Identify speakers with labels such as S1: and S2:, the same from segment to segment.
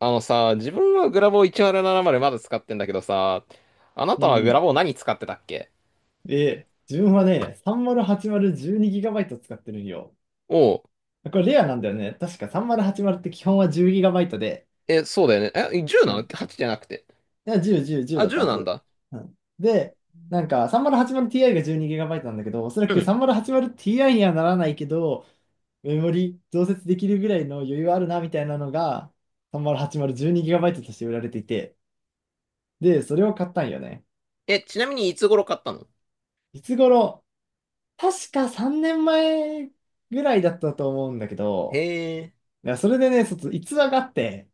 S1: あのさ、自分はグラボー1070まるななまるまだ使ってんだけどさ、あな
S2: う
S1: たはグラ
S2: ん。
S1: ボー何使ってたっけ？
S2: で、自分はね、308012GB 使ってるんよ。
S1: おう。
S2: これレアなんだよね。確か3080って基本は 10GB で、
S1: え、そうだよね。え、10な
S2: う
S1: の？
S2: ん。
S1: 8 じゃなくて。
S2: いや10、10、10
S1: あ、
S2: だった
S1: 10
S2: は
S1: なん
S2: ず。
S1: だ。
S2: うん。で、3080Ti が 12GB なんだけど、おそら
S1: う
S2: く
S1: ん。
S2: 3080Ti にはならないけど、メモリ増設できるぐらいの余裕あるなみたいなのが 308012GB として売られていて、で、それを買ったんよね。
S1: え、ちなみにいつ頃買ったの？
S2: いつ頃、確か3年前ぐらいだったと思うんだけ
S1: へ
S2: ど、
S1: え。
S2: いや、それでね、逸話があって、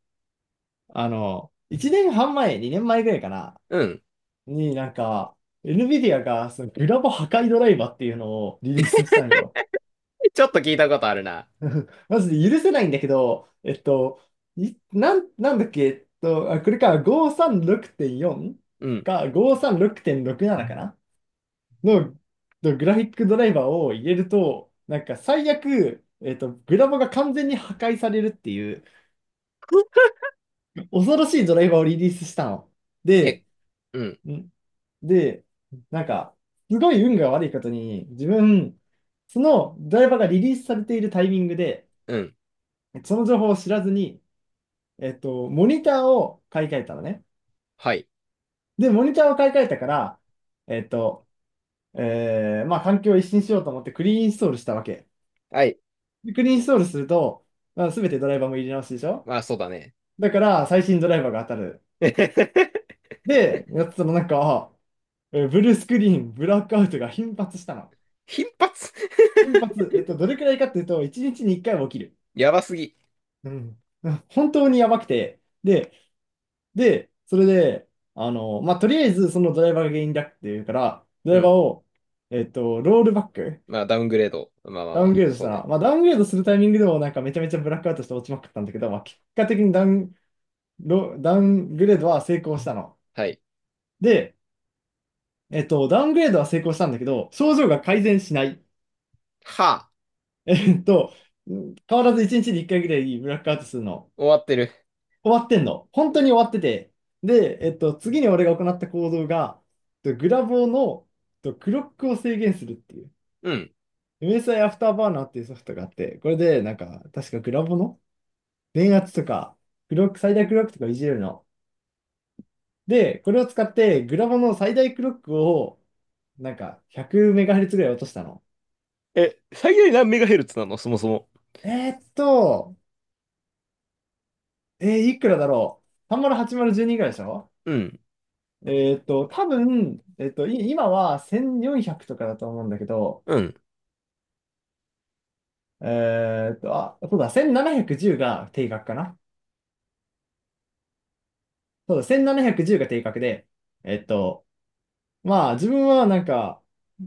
S2: 1年半前、2年前ぐらいかな、
S1: うん。
S2: になんか、NVIDIA がそのグラボ破壊ドライバーっていうのをリリースしたんよ。
S1: ちょっと聞いたことあるな。
S2: マジで許せないんだけど、いなん、なんだっけ、あ、これか、536.4
S1: うん。
S2: か、536.67かなの、のグラフィックドライバーを入れると、なんか最悪、グラボが完全に破壊されるっていう、恐ろしいドライバーをリリースしたの。
S1: え、
S2: で、
S1: うん、
S2: んで、なんか、すごい運が悪いことに、自分、そのドライバーがリリースされているタイミングで、
S1: うん。
S2: その情報を知らずに、モニターを買い替えたのね。
S1: はい。
S2: で、モニターを買い替えたから、えっと、環境を一新しようと思ってクリーンインストールしたわけ。
S1: はい。
S2: でクリーンインストールすると、まあ、全てドライバーも入れ直しでしょ。
S1: まあ、そうだね。
S2: だから、最新ドライバーが当たる。で、やってたらなんか、ブルースクリーン、ブラックアウトが頻発したの。
S1: 頻発。
S2: 頻発、どれくらいかっていうと、1日に1回は起きる。
S1: やばすぎ。
S2: うん。うん、本当にやばくて。で、それで、あの、まあ、とりあえずそのドライバーが原因だっていうから、ド
S1: う
S2: ライバー
S1: ん。
S2: を、ロールバック、
S1: まあ、ダウングレード。まあまあ
S2: ダ
S1: ま
S2: ウング
S1: あ、
S2: レードし
S1: そう
S2: たら、
S1: ね。
S2: まあ、ダウングレードするタイミングでもなんかめちゃめちゃブラックアウトして落ちまくったんだけど、まあ、結果的にダウングレードは成功したの。
S1: はい。
S2: で、ダウングレードは成功したんだけど、症状が改善しない。
S1: はあ。
S2: えっと、変わらず1日に1回ぐらいブラックアウトするの。
S1: 終わってる。
S2: 終わってんの。本当に終わってて。で、次に俺が行った行動が、グラボーの、クロックを制限するっていう。
S1: うん。
S2: MSI アイアフターバーナーっていうソフトがあって、これで、なんか、確かグラボーの電圧とか、クロック、最大クロックとかいじれるの。で、これを使って、グラボーの最大クロックを、なんか、100MHz ぐらい落としたの。
S1: え、最大何メガヘルツなのそもそも？
S2: えーっと、いくらだろう？ 308012 ぐらいでしょ。
S1: うん、
S2: えーっと、多分、えーっと、今は1400とかだと思うんだけど、
S1: うん、
S2: あ、そうだ、1710が定格かな。そうだ、1710が定格で、えっと、まあ、自分はなんか、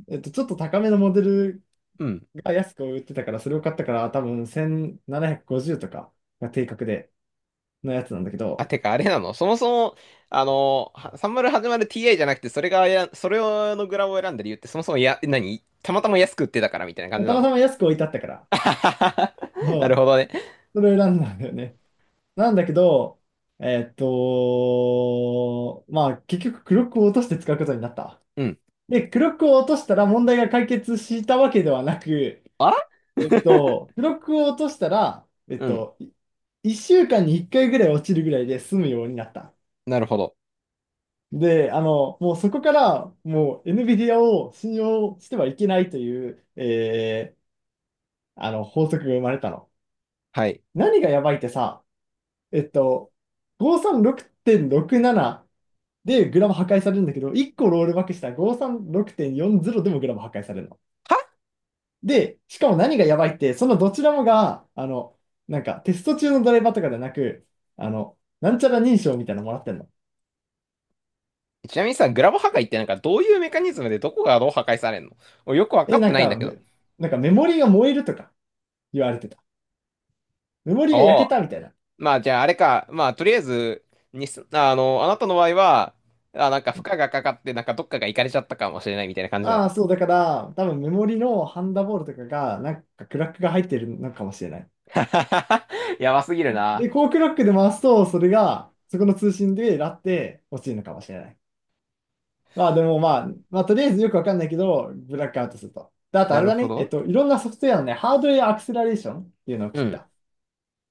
S2: ちょっと高めのモデル
S1: うん。
S2: が安く売ってたから、それを買ったから、多分1750とかが定格で、のやつなんだけ
S1: あ、
S2: ど、
S1: てか、あれなのそもそも、あの、30始まる TI じゃなくて、それのグラボを選んだ理由って、そもそもや、何たまたま安く売ってたからみたいな感
S2: まあ
S1: じ
S2: た
S1: な
S2: また
S1: の。
S2: ま安く置いてあったから、
S1: あはははなる
S2: も
S1: ほどね。
S2: う、それを選んだんだよね。なんだけど、まあ、結局、クロックを落として使うことになった。
S1: うん。
S2: で、クロックを落としたら問題が解決したわけではなく、
S1: あ
S2: 記録を落としたら、
S1: うん。
S2: 1週間に1回ぐらい落ちるぐらいで済むようになった。
S1: なるほど。
S2: で、あの、もうそこから、もう NVIDIA を信用してはいけないという、法則が生まれたの。
S1: はい。
S2: 何がやばいってさ、えっと、536.67でグラム破壊されるんだけど、1個ロールバックしたら536.40でもグラム破壊されるの。
S1: は
S2: で、しかも何がやばいって、そのどちらもが、あの、なんかテスト中のドライバーとかではなく、あの、なんちゃら認証みたいなのもらってんの。
S1: ちなみにさ、グラボ破壊ってなんかどういうメカニズムでどこがどう破壊されんの？俺よくわか
S2: え、
S1: って
S2: なん
S1: ないん
S2: か、
S1: だけど。
S2: め、なんかメモリが燃えるとか言われてた。メモリが
S1: お
S2: 焼
S1: あ。
S2: けたみたいな。
S1: まあ、じゃああれか。まあ、とりあえず、にす、ああの、あなたの場合は、あ、なんか負荷がかかって、なんかどっかが行かれちゃったかもしれないみたいな感じなの。
S2: ああ、そう、だから、多分メモリのハンダボールとかが、なんかクラックが入ってるのかもしれない。
S1: やばすぎるな。
S2: で、こうクラックで回すと、それが、そこの通信でラって落ちるのかもしれない。まあでもまあ、まあとりあえずよくわかんないけど、ブラックアウトすると。で、あとあ
S1: な
S2: れ
S1: る
S2: だ
S1: ほ
S2: ね。
S1: ど。
S2: いろんなソフトウェアのね、ハードウェアアクセラレーションっていうのを
S1: う
S2: 切った。
S1: ん。
S2: こ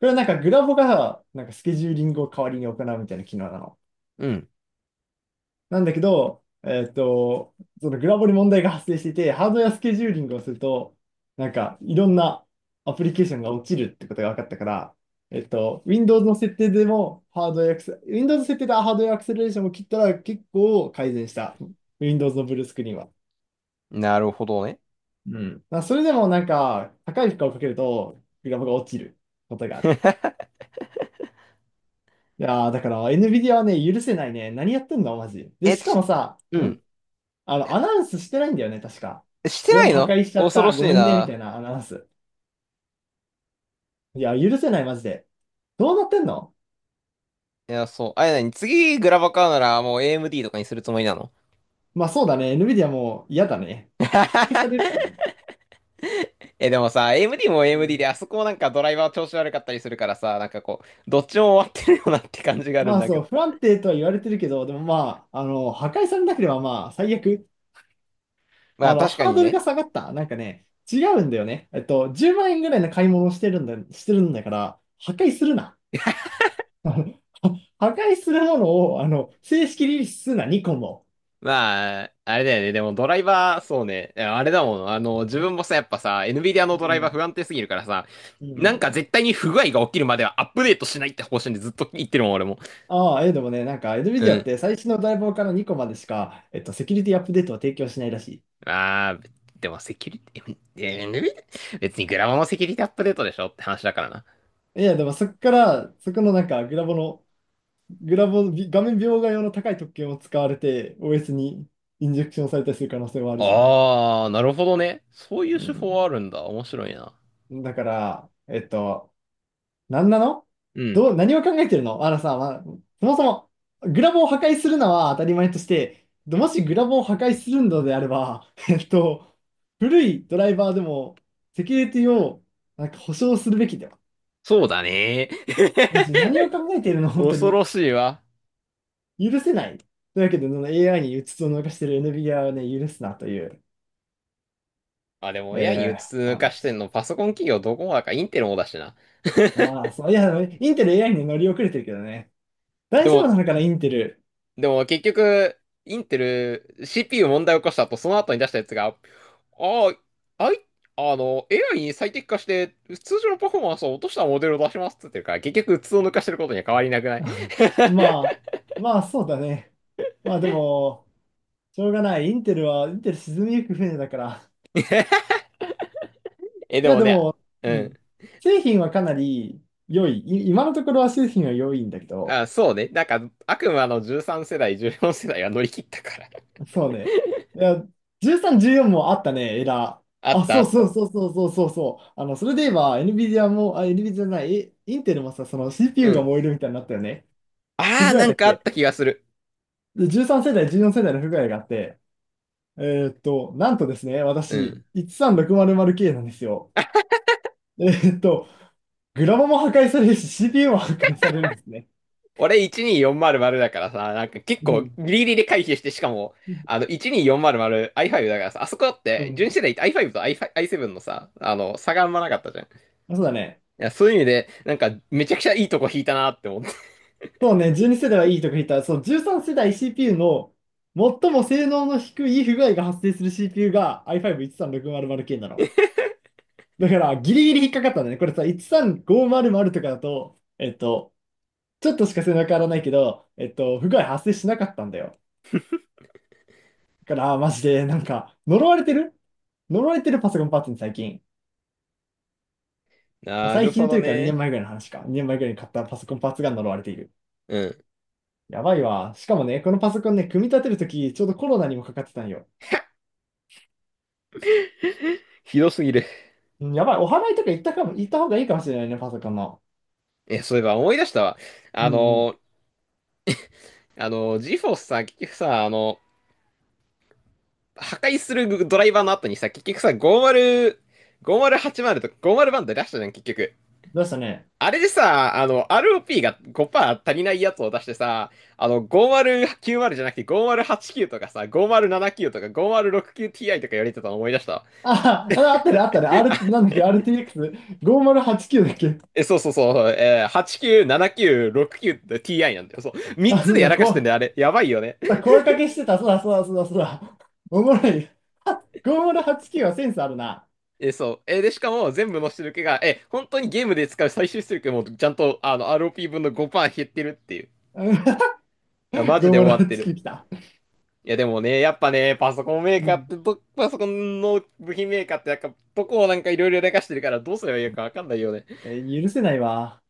S2: れはなんかグラボが、なんかスケジューリングを代わりに行うみたいな機能なの。
S1: うん。
S2: なんだけど、そのグラボに問題が発生していて、ハードウェアスケジューリングをすると、なんかいろんなアプリケーションが落ちるってことが分かったから、Windows の設定でもハードウェアアクセ、Windows の設定でハードウェアアクセラレーションを切ったら結構改善した。Windows のブルースクリーンは。
S1: なるほどね。
S2: うん。まあそれでもなんか、高い負荷をかけると、グラフが落ちることがある。いやー、だから NVIDIA はね、許せないね。何やってんのマジ。で、
S1: え、
S2: しかもさ、
S1: うん。
S2: あの、アナウンスしてないんだよね、確か。
S1: して
S2: グラ
S1: な
S2: フ
S1: い
S2: 破
S1: の
S2: 壊しちゃっ
S1: 恐ろ
S2: た。
S1: し
S2: ご
S1: い
S2: めんね、みたい
S1: な。
S2: なアナウンス。いや、許せない、マジで。どうなってんの？
S1: いや、そう。あれ何次グラバ買うならもう AMD とかにするつもりなの？
S2: まあ、そうだね。NVIDIA も嫌だね。破壊されるか らね。
S1: え、でもさ、AMD も
S2: う
S1: AMD で、
S2: ん。
S1: あそこもなんかドライバー調子悪かったりするからさ、なんかこう、どっちも終わってるよなって感じがあるん
S2: まあ
S1: だけ
S2: そう、
S1: ど。
S2: 不安定とは言われてるけど、でもまあ、あの、破壊されなければまあ、最悪。
S1: ま
S2: あ
S1: あ
S2: の、
S1: 確か
S2: ハー
S1: に
S2: ドルが
S1: ね。
S2: 下がった。なんかね、違うんだよね。10万円ぐらいの買い物をしてるんだ、してるんだから、破壊するな。破壊するものを、あの、正式リリースするな、ニコンも。
S1: まあ、あれだよね。でもドライバー、そうね。いやあれだもん。あの、自分もさ、やっぱさ、NVIDIA の
S2: う
S1: ドライバー
S2: ん。
S1: 不安定すぎるからさ、
S2: う
S1: なん
S2: ん。
S1: か絶対に不具合が起きるまではアップデートしないって方針でずっと言ってるもん、俺も。
S2: ああ、でもね、なんか、
S1: う
S2: NVIDIA っ
S1: ん。
S2: て最新のドライバーからニコンまでしか、セキュリティアップデートは提供しないらし
S1: ああ、でもセキュリティ、エヌビディア別にグラボのセキュリティアップデートでしょって話だからな。
S2: い。いや、でもそこから、そこのなんか、グラボの、グラボ、び画面描画用の高い特権を使われて、OS にインジェクションされたりする可能性もあるじゃん。
S1: ああ、なるほどね。そういう
S2: う
S1: 手法
S2: ん。
S1: あるんだ。面白いな。
S2: だから、なんなの。
S1: うん。
S2: どう、何を考えてるの。あのさ、まあ、そもそも、グラボを破壊するのは当たり前として、もしグラボを破壊するのであれば、古いドライバーでも、セキュリティを、なんか保証するべきだよ。
S1: そうだね。
S2: マ ジ、何を考えているの本当
S1: 恐
S2: に。
S1: ろしいわ。
S2: 許せない。というわけで、その AI にうつつを抜かしている NVIDIA をね、許すなという、
S1: あ、でも AI にうつ
S2: お
S1: 抜かして
S2: 話。
S1: んの、パソコン企業どこもだからインテルもだしな。
S2: まあ、そう、いや、インテル AI に乗り遅れてるけどね。
S1: で
S2: 大丈夫
S1: も、
S2: なのかな、インテル。
S1: でも結局、インテル、CPU 問題を起こした後、その後に出したやつが、ああ、あい、あの、AI に最適化して、通常のパフォーマンスを落としたモデルを出しますって言ってるから、結局、うつを抜かしてることには変わりなくない？
S2: ままあ、そうだね。まあでも、しょうがない。インテル沈みゆく船だから。
S1: え、
S2: い
S1: で
S2: や
S1: も
S2: で
S1: ね、
S2: も、
S1: う
S2: うん。
S1: ん。
S2: 製品はかなり良い。今のところは製品は良いんだけど、
S1: あ、そうね。なんか、悪魔の13世代、14世代は乗り切ったから。
S2: そうね。いや、13、14もあったね、エラー。
S1: あっ
S2: あ、
S1: たあ
S2: そう
S1: っ
S2: そう
S1: た。
S2: そうそうそうそうそう。あの、それで言えば、NVIDIA も、あ、NVIDIA じゃない、インテルもさ、その
S1: う
S2: CPU が
S1: ん。
S2: 燃えるみたいになったよね。不
S1: ああ、
S2: 具合
S1: なん
S2: だっ
S1: かあっ
S2: け？
S1: た気がする。
S2: 13 世代、14世代の不具合があって、なんとですね、
S1: う
S2: 私、
S1: ん。
S2: 13600K なんですよ。えーっと、グラボも破壊されるし、CPU も破壊されるんですね。
S1: 俺12400だからさ、なんか結
S2: う
S1: 構ギ
S2: ん。
S1: リギリで回避して、しかも、あの、12400、i5 だからさ、あそこだっ
S2: う
S1: て純
S2: ん。
S1: 正で i5 と i 7のさ、あの、差があんまなかったじゃん。い
S2: そうだね。
S1: や、そういう意味で、なんか、めちゃくちゃいいとこ引いたなって思った。
S2: そうね、12世代はいいとか言ったら、その13世代 CPU の最も性能の低い不具合が発生する CPU が i5-13600K なの。だから、ギリギリ引っかかったんだね。これさ、13500とかだと、ちょっとしか背中変わらないけど、不具合発生しなかったんだよ。だから、マジで、なんか、呪われてるパソコンパーツに最近。まあ
S1: な
S2: 最
S1: るほ
S2: 近と
S1: ど
S2: いうか2
S1: ね。
S2: 年前ぐらいの話か。2年前ぐらいに買ったパソコンパーツが呪われている。
S1: うん。
S2: やばいわ。しかもね、このパソコンね、組み立てるとき、ちょうどコロナにもかかってたんよ。
S1: ひどすぎる。
S2: うん、やばい。お祓いとか行ったかも、行った方がいいかもしれないね、パソコンの。
S1: え、そういえば思い出したわ。あ
S2: うんうん。
S1: の、あの、ジフォ r さ、結局さ、あの、破壊するドライバーの後にさ、結局さ、50、5080とか50バンド出したじゃん、結局。
S2: どうしたね。
S1: あれでさ、あの、ROP が5%足りないやつを出してさ、あの、5090じゃなくて5089とかさ、5079とか 5069Ti とかやれてたの思い出した。
S2: あ、ああったね、あったね。なんだっけ、RTX5089 だっけ。
S1: え、そうそうそう、89、79、69って Ti なんだよ。そう。3
S2: あ、
S1: つ
S2: そう
S1: でや
S2: だ、
S1: らかしてんだ
S2: こ
S1: よ、あれ。やばいよね。
S2: う声かけしてた。そうだ、そうだ、そうだ、そうだ。おもろい。5089はちきゅうはセンスあるな。
S1: え、そう。え、で、しかも全部の出力が、え、本当にゲームで使う最終出力もちゃんと、あの、ROP 分の5%減ってるっていう。
S2: うん
S1: いや マジ
S2: ロー
S1: で
S2: マ
S1: 終
S2: の
S1: わってる。
S2: 月来た。
S1: いやでもね、やっぱね、パソコンメ
S2: う
S1: ーカーっ
S2: ん。
S1: てパソコンの部品メーカーってなんか、どこをなんかいろいろ流してるからどうすればいいかわかんないよね。
S2: 許せないわ。